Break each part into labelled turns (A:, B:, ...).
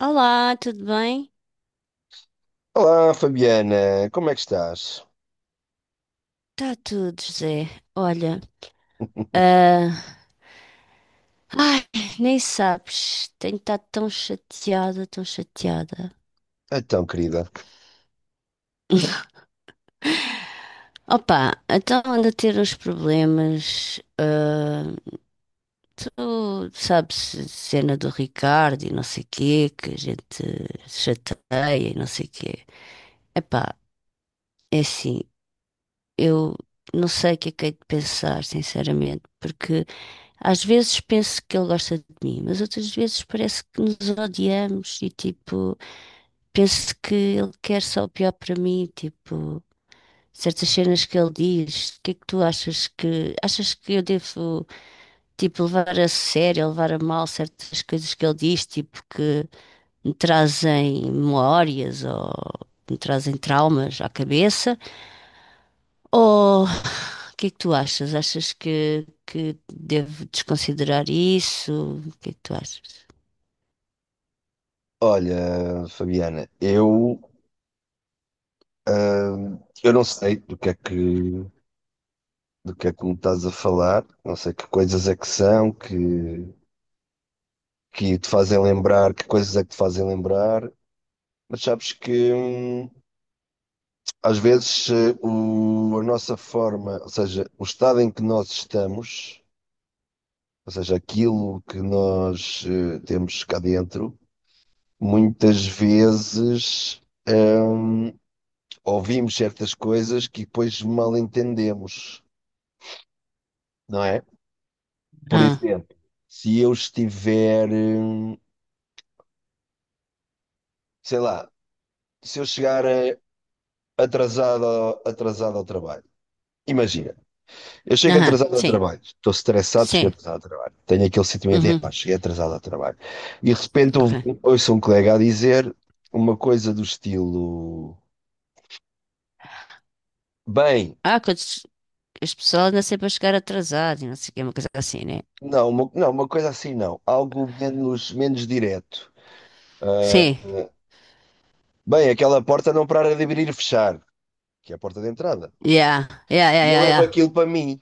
A: Olá, tudo bem?
B: Olá, Fabiana, como é que estás?
A: Tá tudo, José. Olha, ah, ai, nem sabes, tenho estado tão chateada, tão chateada.
B: Então, querida,
A: Opa, então ando a ter uns problemas. Tu sabes, a cena do Ricardo e não sei o quê, que a gente chateia e não sei o quê. Epá, é assim, eu não sei o que é que hei de pensar, sinceramente, porque. Às vezes penso que ele gosta de mim, mas outras vezes parece que nos odiamos e tipo, penso que ele quer só o pior para mim, tipo, certas cenas que ele diz, o que é que tu achas que eu devo tipo levar a sério, levar a mal certas coisas que ele diz, tipo que me trazem memórias ou me trazem traumas à cabeça? Ou o que é que tu achas? Achas que devo desconsiderar isso? O que é que tu achas?
B: olha, Fabiana, eu não sei do que é que me estás a falar, não sei que coisas é que são, que te fazem lembrar, que coisas é que te fazem lembrar, mas sabes que às vezes a nossa forma, ou seja, o estado em que nós estamos, ou seja, aquilo que nós temos cá dentro, muitas vezes. hum, Ouvimos certas coisas que depois mal entendemos, não é? Por
A: Ah,
B: exemplo, se eu estiver, sei lá, se eu chegar atrasado, atrasado ao trabalho. Imagina, eu chego
A: aham,
B: atrasado ao
A: sim,
B: trabalho, estou estressado, cheguei
A: sim.
B: atrasado ao trabalho. Tenho aquele sentimento, é, pá,
A: Uhum,
B: cheguei atrasado ao trabalho. E de repente
A: ok.
B: ouço um colega a dizer uma coisa do estilo, bem,
A: Ah, quando as pessoas nascem para chegar atrasado, e não sei o que, uma coisa assim, né?
B: não, uma coisa assim não, algo menos, menos direto.
A: Sim,
B: Ah, Bem, aquela porta não para de abrir e fechar, que é a porta de entrada.
A: yeah, yeah, yeah,
B: E eu
A: yeah,
B: levo
A: yeah.
B: aquilo para mim.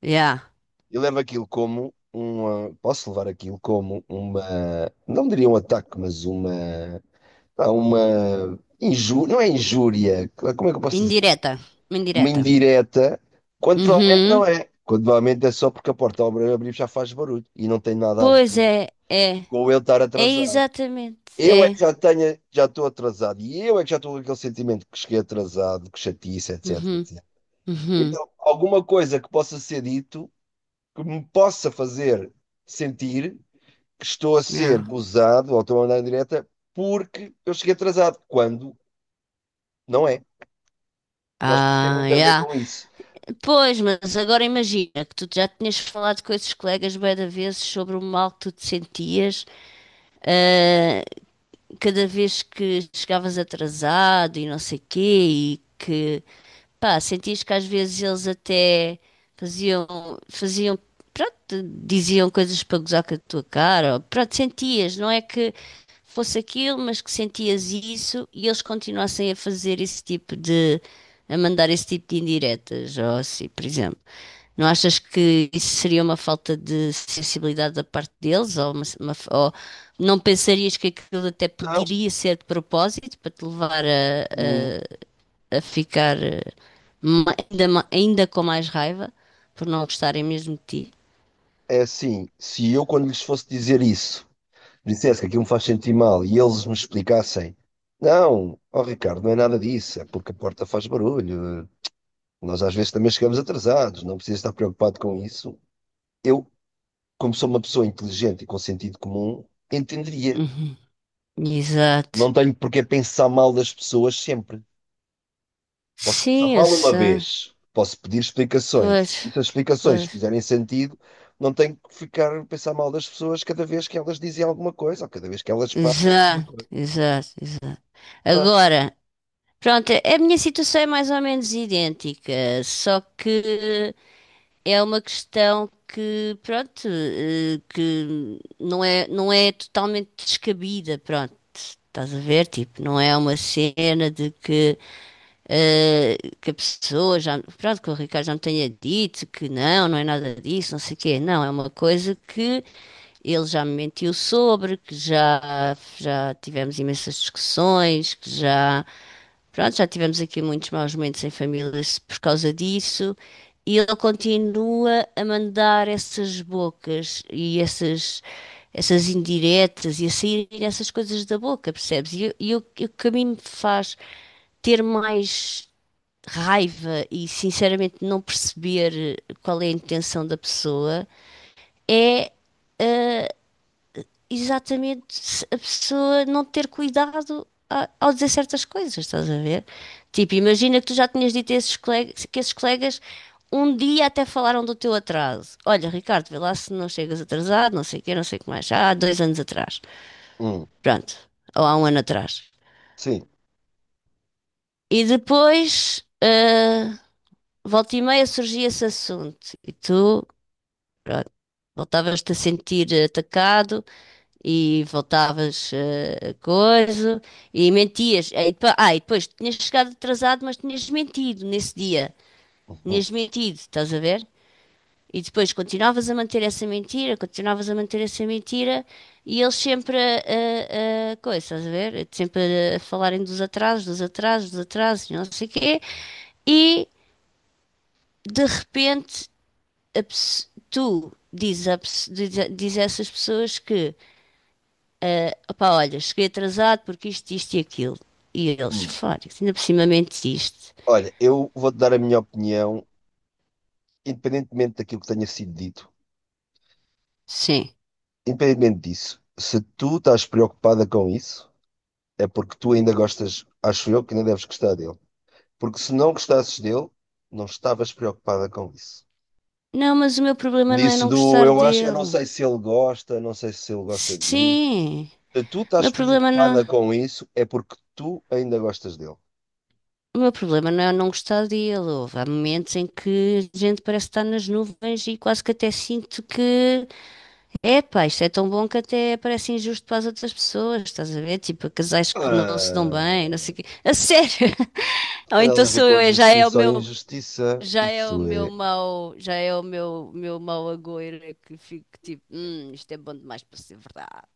A: Yeah.
B: Eu levo aquilo como uma. Posso levar aquilo como uma. Não diria um ataque, mas uma. Pá, uma. Injú... Não é injúria. Como é que eu posso dizer?
A: Indireta,
B: Uma
A: indireta.
B: indireta, quando provavelmente não
A: Uhum,
B: é. Quando provavelmente é só porque a porta ao abrir já faz barulho e não tem nada a
A: pois
B: ver
A: é, é,
B: com eu estar
A: é
B: atrasado.
A: exatamente,
B: Eu é
A: é.
B: que já tenho, já estou atrasado e eu é que já estou com aquele sentimento que cheguei atrasado, que chatice,
A: Uhum,
B: etc.
A: uhum,
B: Então, alguma coisa que possa ser dito que me possa fazer sentir que estou a ser
A: yeah.
B: gozado ou estou a andar em direta porque eu cheguei atrasado, quando não é. Eu acho que isso tem
A: Ah,
B: muito a ver
A: yeah.
B: com isso.
A: Pois, mas agora imagina que tu já tinhas falado com esses colegas bué de vezes sobre o mal que tu te sentias, ah, cada vez que chegavas atrasado e não sei quê, e que, pá, sentias que às vezes eles até faziam, faziam, pronto, diziam coisas para gozar com a tua cara, ou, pronto, sentias, não é que fosse aquilo, mas que sentias isso e eles continuassem a fazer esse tipo de a mandar esse tipo de indiretas, ou assim, por exemplo. Não achas que isso seria uma falta de sensibilidade da parte deles? Ou, ou não pensarias que aquilo até
B: Não,
A: poderia ser de propósito para te levar
B: hum,
A: a ficar ma- ainda com mais raiva por não gostarem mesmo de ti?
B: é assim, se eu quando lhes fosse dizer isso, dissesse que aquilo me faz sentir mal e eles me explicassem, não, ó Ricardo, não é nada disso, é porque a porta faz barulho, nós às vezes também chegamos atrasados, não precisa estar preocupado com isso. Eu como sou uma pessoa inteligente e com sentido comum, entenderia.
A: Uhum.
B: Não
A: Exato.
B: tenho porque pensar mal das pessoas sempre. Posso pensar
A: Sim, eu
B: mal uma
A: sei.
B: vez, posso pedir
A: Pois,
B: explicações. E se as explicações
A: pois.
B: fizerem sentido, não tenho que ficar a pensar mal das pessoas cada vez que elas dizem alguma coisa ou cada vez que elas fazem alguma
A: Exato,
B: coisa.
A: exato, exato.
B: Pronto.
A: Agora. Pronto, a minha situação é mais ou menos idêntica, só que é uma questão que, pronto, que não é totalmente descabida, pronto. Estás a ver? Tipo, não é uma cena de que que a pessoa já, pronto, que o Ricardo já me tenha dito que não, não é nada disso, não sei o quê. Não, é uma coisa que ele já me mentiu sobre, já tivemos imensas discussões, que já, pronto, já tivemos aqui muitos maus momentos em família por causa disso. E ele continua a mandar essas bocas essas indiretas e a saírem essas coisas da boca, percebes? E, o que a mim me faz ter mais raiva e sinceramente não perceber qual é a intenção da pessoa é exatamente se a pessoa não ter cuidado ao dizer certas coisas, estás a ver? Tipo, imagina que tu já tinhas dito a esses colegas, que esses colegas um dia até falaram do teu atraso. Olha, Ricardo, vê lá se não chegas atrasado, não sei o quê, não sei o que mais. Já há dois anos atrás.
B: Hum,
A: Pronto. Ou há um ano atrás.
B: sim.
A: E depois. Volta e meia surgia esse assunto e tu, pronto, voltavas-te a sentir atacado e voltavas a coisa e mentias. Aí depois, ah, e depois tinhas chegado atrasado, mas tinhas mentido nesse dia.
B: Uhum,
A: Tinhas mentido, estás a ver? E depois continuavas a manter essa mentira, continuavas a manter essa mentira e eles sempre a coisa, estás a ver? Sempre a falarem dos atrasos, dos atrasos, dos atrasos, e não sei o quê. E de repente tu dizes, a pes- diz, a- diz a essas pessoas que, ah, opá, olha, cheguei atrasado porque isto e aquilo. E eles,
B: hum.
A: fora, ainda por cima mentiste.
B: Olha, eu vou-te dar a minha opinião, independentemente daquilo que tenha sido dito.
A: Sim.
B: Independentemente disso, se tu estás preocupada com isso. É porque tu ainda gostas, acho eu, que ainda deves gostar dele. Porque se não gostasses dele, não estavas preocupada com isso.
A: Não, mas o meu problema não é
B: Disse
A: não
B: do
A: gostar
B: eu acho, eu não
A: dele.
B: sei se ele gosta, não sei se ele gosta de mim.
A: Sim,
B: Se tu
A: o
B: estás
A: meu problema
B: preocupada
A: não,
B: com isso, é porque tu ainda gostas dele.
A: o meu problema não é não gostar dele. Houve, há momentos em que a gente parece estar nas nuvens e quase que até sinto que é, pá, isto é tão bom que até parece injusto para as outras pessoas, estás a ver? Tipo, casais que não se dão bem, não sei
B: Ah,
A: o quê. A sério!
B: não
A: Ou
B: tem
A: então
B: nada a ver
A: sou
B: com
A: eu, já é o
B: justiça ou
A: meu,
B: injustiça.
A: já é o
B: Isso
A: meu
B: é.
A: mau, já é o meu, meu mau agouro é que fico tipo, isto é bom demais para ser verdade.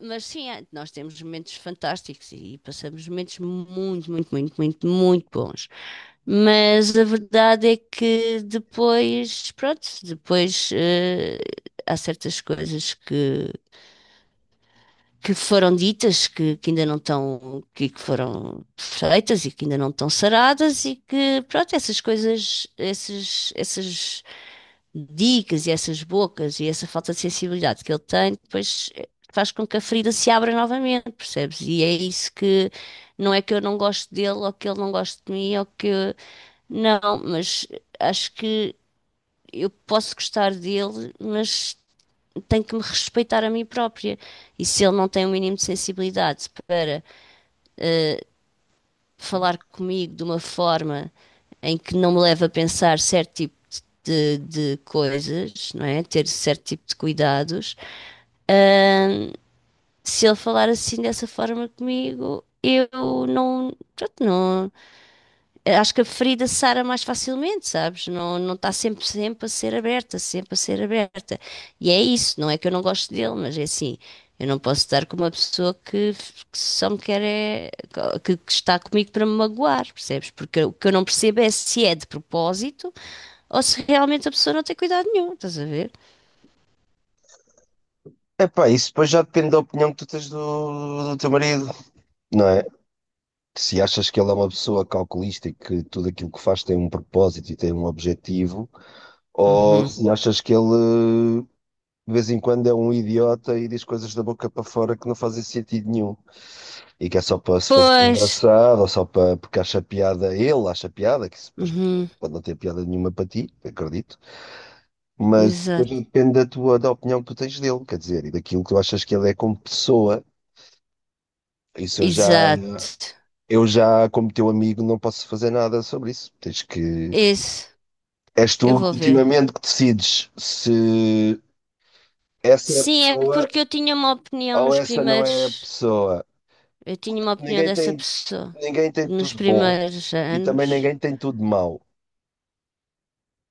A: Mas sim, é, nós temos momentos fantásticos e passamos momentos muito, muito, muito, muito, muito bons. Mas a verdade é que depois, pronto, depois há certas coisas que foram ditas que ainda não estão, que foram feitas e que ainda não estão saradas e que, pronto, essas coisas, essas dicas e essas bocas e essa falta de sensibilidade que ele tem, depois faz com que a ferida se abra novamente, percebes? E é isso que não é que eu não gosto dele ou que ele não gosta de mim ou que não, mas acho que eu posso gostar dele, mas tenho que me respeitar a mim própria. E se ele não tem o mínimo de sensibilidade para falar comigo de uma forma em que não me leva a pensar certo tipo de coisas, não é? Ter certo tipo de cuidados. Ahn, Se ele falar assim dessa forma comigo, eu não, pronto, não, acho que a ferida sara mais facilmente, sabes? Não, não está sempre, sempre a ser aberta, sempre a ser aberta. E é isso, não é que eu não gosto dele, mas é assim, eu não posso estar com uma pessoa que só me quer é, que está comigo para me magoar, percebes? Porque o que eu não percebo é se é de propósito ou se realmente a pessoa não tem cuidado nenhum, estás a ver?
B: Epá, isso depois já depende da opinião que tu tens do teu marido, não é? Se achas que ele é uma pessoa calculista e que tudo aquilo que faz tem um propósito e tem um objetivo, ou
A: Uhum.
B: se achas que ele de vez em quando é um idiota e diz coisas da boca para fora que não fazem sentido nenhum e que é só para se fazer
A: Pois,
B: engraçado ou só para porque acha piada, ele acha piada, que isso depois
A: uhum.
B: pode não ter piada nenhuma para ti, acredito, mas depois
A: Exato,
B: depende da opinião que tu tens dele, quer dizer, e daquilo que tu achas que ele é como pessoa. Isso eu já,
A: exato,
B: eu já, como teu amigo, não posso fazer nada sobre isso. Tens que.
A: isso,
B: És tu
A: eu vou ver.
B: ultimamente que decides se essa é a
A: Sim, é
B: pessoa
A: porque eu tinha uma opinião
B: ou
A: nos
B: essa não é a
A: primeiros.
B: pessoa.
A: Eu tinha uma opinião
B: Ninguém
A: dessa
B: tem,
A: pessoa
B: ninguém tem
A: nos
B: tudo bom
A: primeiros
B: e também
A: anos.
B: ninguém tem tudo mau.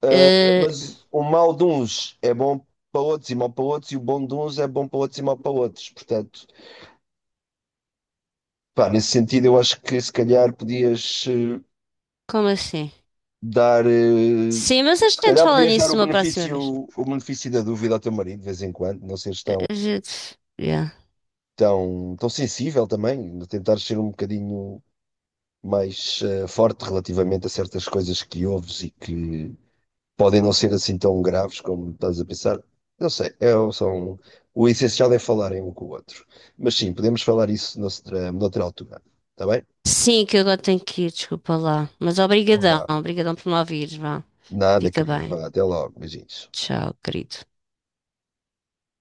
A: Eh,
B: Mas o mal de uns é bom para outros e mau para outros, e o bom de uns é bom para outros e mau para outros. Portanto, pá, nesse sentido, eu acho que se calhar podias
A: como assim?
B: dar.
A: Sim, mas a
B: Se
A: gente
B: calhar
A: fala
B: podias dar
A: nisso uma próxima vez.
B: o benefício da dúvida ao teu marido de vez em quando, não seres
A: Eh,
B: tão,
A: A gente. Yeah.
B: tão sensível também, tentar ser um bocadinho mais forte relativamente a certas coisas que ouves e que podem não ser assim tão graves como estás a pensar. Não sei, são, o essencial é falarem um com o outro. Mas sim, podemos falar isso noutra altura. Está bem?
A: Sim, que eu agora tenho que ir, desculpa lá. Mas
B: Então
A: obrigadão,
B: vá.
A: obrigadão por me ouvires, vá.
B: Nada,
A: Fica
B: querida.
A: bem.
B: Vá, até logo. Beijinhos.
A: Tchau, querido.